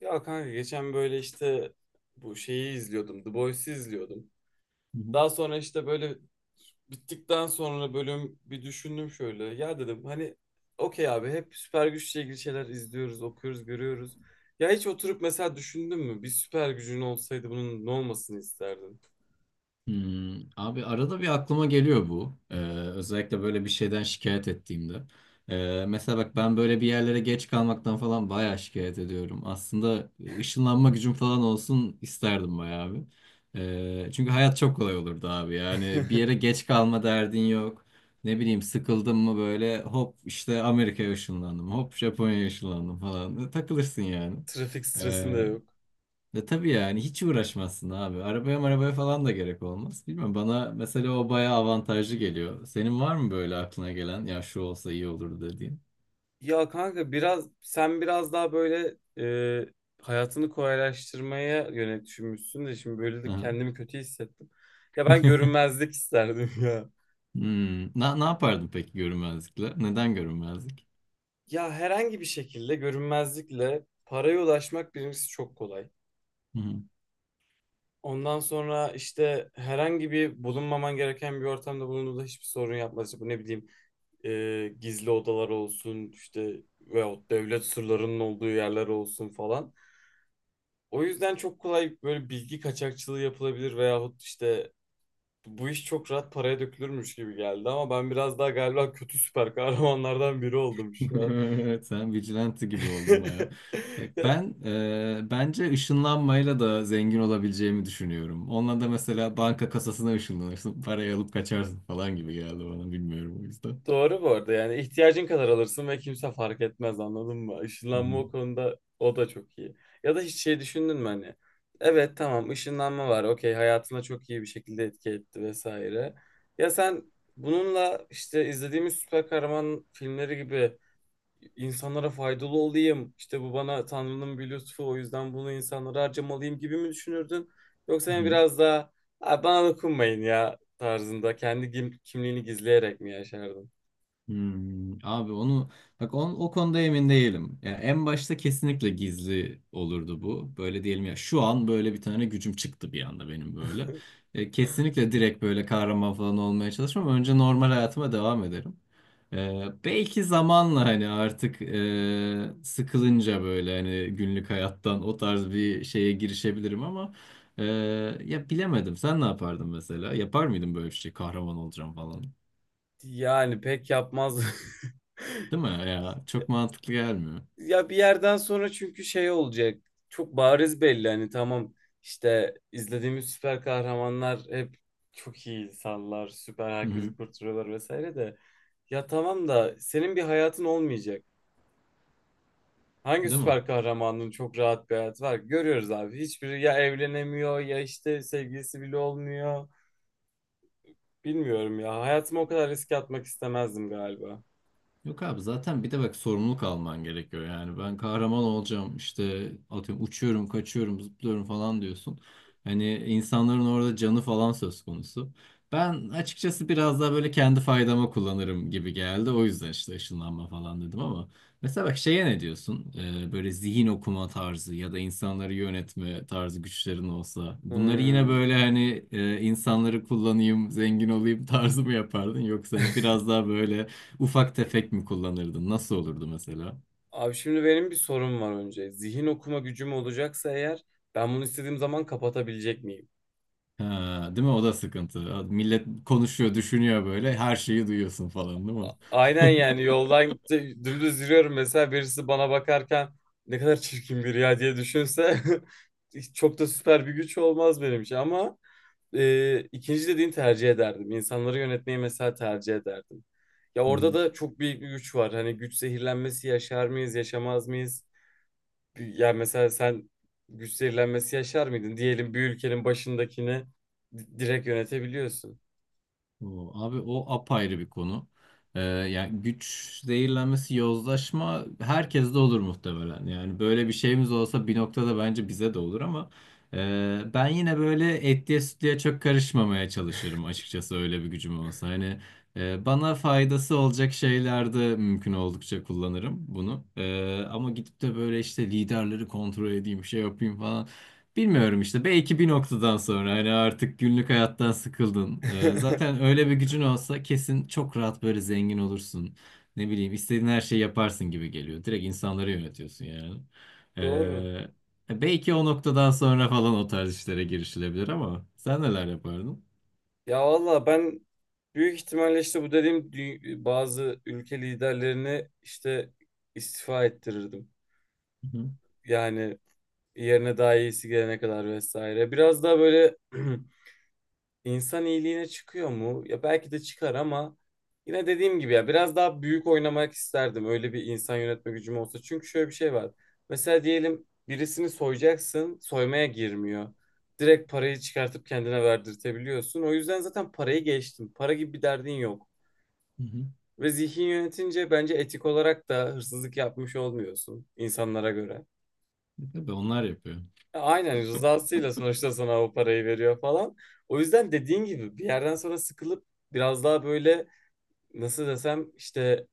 Ya kanka geçen böyle işte bu şeyi izliyordum. The Boys'i izliyordum. Hı hı. Daha sonra işte böyle bittikten sonra bölüm bir düşündüm şöyle. Ya dedim hani okey abi hep süper güçle ilgili şeyler izliyoruz, okuyoruz, görüyoruz. Ya hiç oturup mesela düşündün mü? Bir süper gücün olsaydı bunun ne olmasını isterdin? Abi arada bir aklıma geliyor bu. Özellikle böyle bir şeyden şikayet ettiğimde. Mesela bak ben böyle bir yerlere geç kalmaktan falan bayağı şikayet ediyorum. Aslında ışınlanma gücüm falan olsun isterdim bayağı abi. Çünkü hayat çok kolay olurdu abi. Yani bir yere geç kalma derdin yok. Ne bileyim sıkıldım mı böyle hop işte Amerika'ya ışınlandım. Hop Japonya'ya ışınlandım falan. Takılırsın yani. Trafik stresin de Ee, yok. Ya tabii yani hiç uğraşmazsın abi. Arabaya marabaya falan da gerek olmaz. Bilmiyorum bana mesela o bayağı avantajlı geliyor. Senin var mı böyle aklına gelen ya şu olsa iyi olur dediğin? Ya kanka biraz sen biraz daha böyle e, hayatını kolaylaştırmaya yönelik düşünmüşsün de şimdi böyle Hı de hı. kendimi kötü hissettim. Ya ben görünmezlik isterdim ya. Hmm. Ne yapardın peki görünmezlikle? Neden görünmezlik? Ya herhangi bir şekilde görünmezlikle paraya ulaşmak birincisi çok kolay. Hı hı. Ondan sonra işte herhangi bir bulunmaman gereken bir ortamda bulunduğunda hiçbir sorun yapmaz. İşte bu ne bileyim e, gizli odalar olsun işte veyahut devlet sırlarının olduğu yerler olsun falan. O yüzden çok kolay böyle bilgi kaçakçılığı yapılabilir veyahut işte bu iş çok rahat paraya dökülürmüş gibi geldi ama ben biraz daha galiba kötü süper kahramanlardan biri oldum şu an. Sen vigilante gibi oldun baya. Bak Ya, ben, bence ışınlanmayla da zengin olabileceğimi düşünüyorum. Onunla da mesela banka kasasına ışınlanırsın, parayı alıp kaçarsın falan gibi geldi bana, bilmiyorum o yüzden. Doğru bu arada yani ihtiyacın kadar alırsın ve kimse fark etmez anladın mı? Hı Işınlanma hı. o konuda o da çok iyi. Ya da hiç şey düşündün mü hani? Evet tamam ışınlanma var okey hayatına çok iyi bir şekilde etki etti vesaire. Ya sen bununla işte izlediğimiz süper kahraman filmleri gibi insanlara faydalı olayım. İşte bu bana Tanrı'nın bir lütfu o yüzden bunu insanlara harcamalıyım gibi mi düşünürdün? Yoksa Hı yani hı. biraz daha "Abi bana dokunmayın" ya tarzında kendi kimliğini gizleyerek mi yaşardın? Abi onu bak, o konuda emin değilim. Ya en başta kesinlikle gizli olurdu bu. Böyle diyelim ya şu an böyle bir tane gücüm çıktı bir anda benim böyle. Kesinlikle direkt böyle kahraman falan olmaya çalışmam. Önce normal hayatıma devam ederim. Belki zamanla hani artık, sıkılınca böyle hani günlük hayattan o tarz bir şeye girişebilirim ama e, ya bilemedim. Sen ne yapardın mesela? Yapar mıydın böyle bir şey? Kahraman olacağım falan. Yani pek yapmaz. Değil mi ya? Çok mantıklı gelmiyor. Ya bir yerden sonra çünkü şey olacak. Çok bariz belli hani tamam işte izlediğimiz süper kahramanlar hep çok iyi insanlar, süper Hı hı. herkesi kurtarıyorlar vesaire de ya tamam da senin bir hayatın olmayacak. Hangi Değil mi? süper kahramanın çok rahat bir hayatı var ki? Görüyoruz abi. Hiçbiri ya evlenemiyor ya işte sevgilisi bile olmuyor. Bilmiyorum ya. Hayatımı o kadar riske atmak istemezdim galiba. Yok abi, zaten bir de bak sorumluluk alman gerekiyor. Yani ben kahraman olacağım işte, atıyorum uçuyorum, kaçıyorum, zıplıyorum falan diyorsun. Hani insanların orada canı falan söz konusu. Ben açıkçası biraz daha böyle kendi faydama kullanırım gibi geldi. O yüzden işte ışınlanma falan dedim, ama mesela bak şeye ne diyorsun? Böyle zihin okuma tarzı ya da insanları yönetme tarzı güçlerin olsa. Bunları yine Hmm. böyle hani, insanları kullanayım, zengin olayım tarzı mı yapardın? Yoksa hani biraz daha böyle ufak tefek mi kullanırdın? Nasıl olurdu mesela? Abi şimdi benim bir sorum var önce. Zihin okuma gücüm olacaksa eğer ben bunu istediğim zaman kapatabilecek miyim? Ha, değil mi? O da sıkıntı. Millet konuşuyor, düşünüyor böyle. Her şeyi duyuyorsun falan, değil mi? Aynen yani yoldan dümdüz yürüyorum mesela birisi bana bakarken ne kadar çirkin biri ya diye düşünse hiç çok da süper bir güç olmaz benim için ama ikinci dediğin tercih ederdim. İnsanları yönetmeyi mesela tercih ederdim. Ya Hı orada hı. da çok büyük bir güç var. Hani güç zehirlenmesi yaşar mıyız, yaşamaz mıyız? Ya mesela sen güç zehirlenmesi yaşar mıydın? Diyelim bir ülkenin başındakini direkt yönetebiliyorsun. O, abi o apayrı bir konu. Yani güç zehirlenmesi, yozlaşma herkeste olur muhtemelen. Yani böyle bir şeyimiz olsa bir noktada bence bize de olur ama ben yine böyle etliye sütlüye çok karışmamaya çalışırım açıkçası öyle bir gücüm olsa. Hani bana faydası olacak şeylerde mümkün oldukça kullanırım bunu. Ama gidip de böyle işte liderleri kontrol edeyim, şey yapayım falan. Bilmiyorum işte, belki bir noktadan sonra hani artık günlük hayattan sıkıldın. Zaten öyle bir gücün olsa kesin çok rahat böyle zengin olursun. Ne bileyim, istediğin her şeyi yaparsın gibi geliyor. Direkt insanları yönetiyorsun yani. Doğru. Belki o noktadan sonra falan o tarz işlere girişilebilir ama sen neler yapardın? Ya valla ben büyük ihtimalle işte bu dediğim bazı ülke liderlerini işte istifa ettirirdim. Hı hı. Yani yerine daha iyisi gelene kadar vesaire. Biraz daha böyle İnsan iyiliğine çıkıyor mu? Ya belki de çıkar ama yine dediğim gibi ya biraz daha büyük oynamak isterdim. Öyle bir insan yönetme gücüm olsa. Çünkü şöyle bir şey var. Mesela diyelim birisini soyacaksın, soymaya girmiyor. Direkt parayı çıkartıp kendine verdirtebiliyorsun. O yüzden zaten parayı geçtim. Para gibi bir derdin yok. Hı hı. Ve zihin yönetince bence etik olarak da hırsızlık yapmış olmuyorsun insanlara göre. Tabii onlar yapıyor. Aynen rızasıyla sonuçta sana o parayı veriyor falan. O yüzden dediğin gibi bir yerden sonra sıkılıp biraz daha böyle nasıl desem işte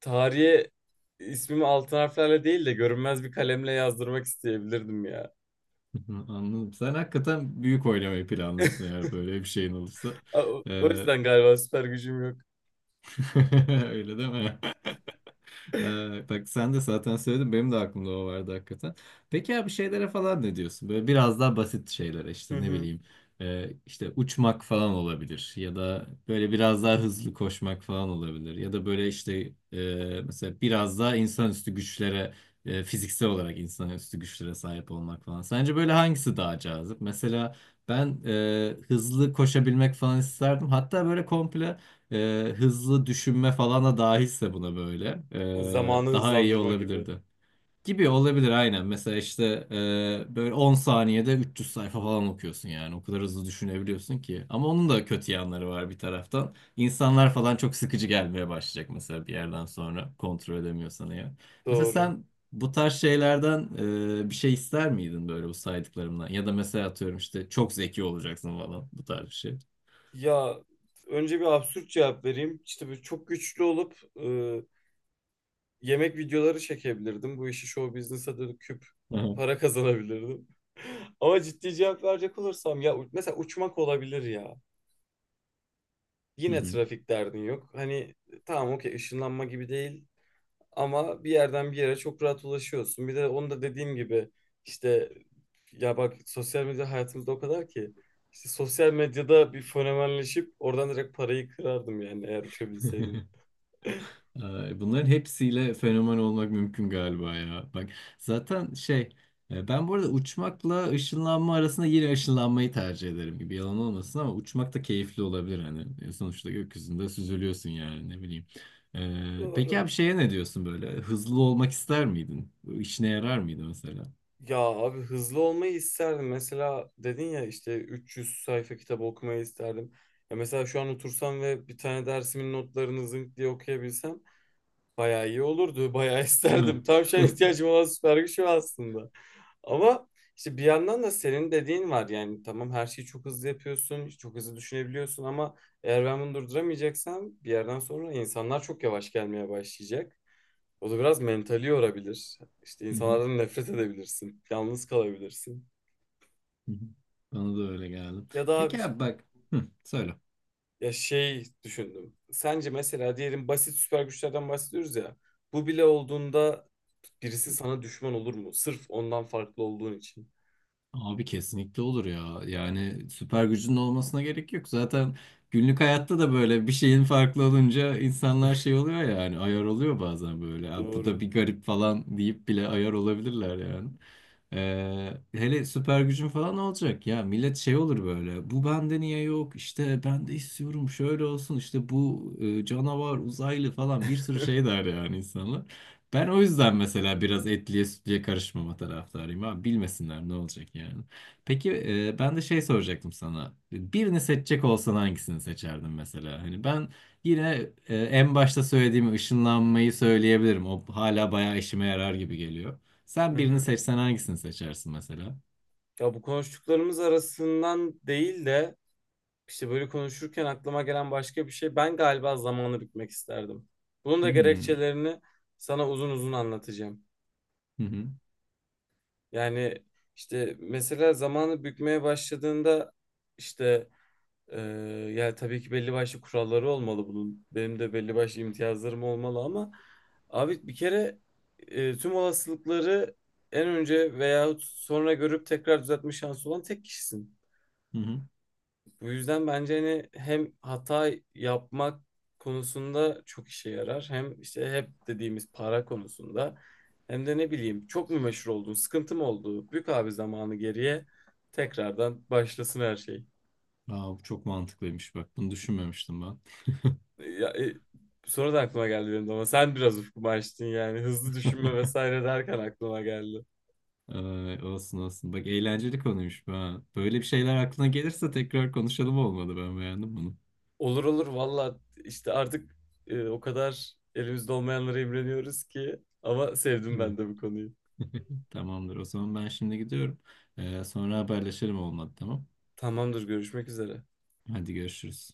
tarihe ismimi altın harflerle değil de görünmez bir kalemle yazdırmak isteyebilirdim ya. Hı hı, anladım. Sen hakikaten büyük oynamayı planlıyorsun eğer böyle bir şeyin olursa. O Ee, yüzden galiba süper gücüm yok. Öyle değil mi? Bak sen de zaten söyledin, benim de aklımda o vardı hakikaten. Peki ya bir şeylere falan ne diyorsun? Böyle biraz daha basit şeylere, Hı işte ne hı. bileyim, işte uçmak falan olabilir, ya da böyle biraz daha hızlı koşmak falan olabilir, ya da böyle işte, mesela biraz daha insanüstü güçlere, fiziksel olarak insanüstü güçlere sahip olmak falan. Sence böyle hangisi daha cazip? Mesela ben, hızlı koşabilmek falan isterdim. Hatta böyle komple hızlı düşünme falan da dahilse buna böyle, Zamanı daha iyi hızlandırma gibi. olabilirdi. Gibi olabilir aynen. Mesela işte, böyle 10 saniyede 300 sayfa falan okuyorsun yani. O kadar hızlı düşünebiliyorsun ki. Ama onun da kötü yanları var bir taraftan. İnsanlar falan çok sıkıcı gelmeye başlayacak mesela bir yerden sonra. Kontrol edemiyorsan eğer. Mesela Doğru. sen bu tarz şeylerden, bir şey ister miydin böyle bu saydıklarımdan? Ya da mesela atıyorum işte çok zeki olacaksın falan, bu tarz bir şey. Ya önce bir absürt cevap vereyim. İşte bu çok güçlü olup yemek videoları çekebilirdim. Bu işi show business'a döküp Aha. para kazanabilirdim. Ama ciddi cevap verecek olursam ya mesela uçmak olabilir ya. Hı Yine hı. trafik derdin yok. Hani tamam okey ışınlanma gibi değil ama bir yerden bir yere çok rahat ulaşıyorsun. Bir de onu da dediğim gibi işte ya bak sosyal medya hayatımızda o kadar ki işte sosyal medyada bir fenomenleşip oradan direkt parayı kırardım yani eğer uçabilseydim. Bunların hepsiyle fenomen olmak mümkün galiba ya. Bak zaten şey, ben bu arada uçmakla ışınlanma arasında yine ışınlanmayı tercih ederim gibi, yalan olmasın, ama uçmak da keyifli olabilir hani. Sonuçta gökyüzünde süzülüyorsun yani, ne bileyim. Peki Doğru. abi şeye ne diyorsun, böyle hızlı olmak ister miydin? Bu İşine yarar mıydı mesela? Ya abi hızlı olmayı isterdim. Mesela dedin ya işte 300 sayfa kitabı okumayı isterdim. Ya mesela şu an otursam ve bir tane dersimin notlarını zınk diye okuyabilsem bayağı iyi olurdu. Bayağı Değil mi? isterdim. Tam şu an ihtiyacım olan süper güç o aslında. Ama işte bir yandan da senin dediğin var yani tamam her şeyi çok hızlı yapıyorsun, çok hızlı düşünebiliyorsun ama eğer ben bunu durduramayacaksam bir yerden sonra insanlar çok yavaş gelmeye başlayacak. O da biraz mentali yorabilir. İşte Hı hı, insanlardan nefret edebilirsin, yalnız kalabilirsin. hı hı. Bana da öyle geldi. Ya da abi Peki işte- abi bak, hı, söyle. ya şey düşündüm. Sence mesela diyelim basit süper güçlerden bahsediyoruz ya. Bu bile olduğunda birisi sana düşman olur mu? Sırf ondan farklı olduğun için. Abi kesinlikle olur ya. Yani süper gücünün olmasına gerek yok. Zaten günlük hayatta da böyle bir şeyin farklı olunca insanlar şey oluyor, yani ayar oluyor bazen böyle. "Ya bu da Doğru. bir garip" falan deyip bile ayar olabilirler yani. Hele süper gücün falan olacak, ya millet şey olur böyle, bu bende niye yok, işte ben de istiyorum şöyle olsun, işte bu, canavar uzaylı falan bir sürü şey der yani insanlar. Ben o yüzden mesela biraz etliye sütlüye karışmama taraftarıyım abi. Bilmesinler, ne olacak yani. Peki ben de şey soracaktım sana. Birini seçecek olsan hangisini seçerdin mesela? Hani ben yine en başta söylediğim ışınlanmayı söyleyebilirim. O hala bayağı işime yarar gibi geliyor. Sen Hı birini hı. seçsen hangisini seçersin mesela? Ya bu konuştuklarımız arasından değil de işte böyle konuşurken aklıma gelen başka bir şey. Ben galiba zamanı bitmek isterdim. Bunun da Hmm. gerekçelerini sana uzun uzun anlatacağım. Hı hı. Yani işte mesela zamanı bükmeye başladığında işte e, ya tabii ki belli başlı kuralları olmalı bunun. Benim de belli başlı imtiyazlarım olmalı ama abi bir kere tüm olasılıkları en önce veyahut sonra görüp tekrar düzeltme şansı olan tek kişisin. Hı hı. Bu yüzden bence hani hem hata yapmak konusunda çok işe yarar. Hem işte hep dediğimiz para konusunda. Hem de ne bileyim çok mu meşhur oldun, sıkıntı mı oldu? Bük abi zamanı geriye tekrardan başlasın her şey. Aa, bu çok mantıklıymış bak. Bunu düşünmemiştim ben. Ya, e, Sonra da aklıma geldi benim de ama sen biraz ufkumu açtın yani. Hızlı düşünme vesaire derken aklıma geldi. Ay, olsun olsun. Bak eğlenceli konuymuş bu ha. Böyle bir şeyler aklına gelirse tekrar konuşalım, olmalı. Ben beğendim bunu. Olur olur valla işte artık o kadar elimizde olmayanlara imreniyoruz ki. Ama sevdim Değil mi? ben de bu konuyu. Tamamdır. O zaman ben şimdi gidiyorum. Sonra haberleşelim, olmadı tamam. Tamamdır görüşmek üzere. Hadi görüşürüz.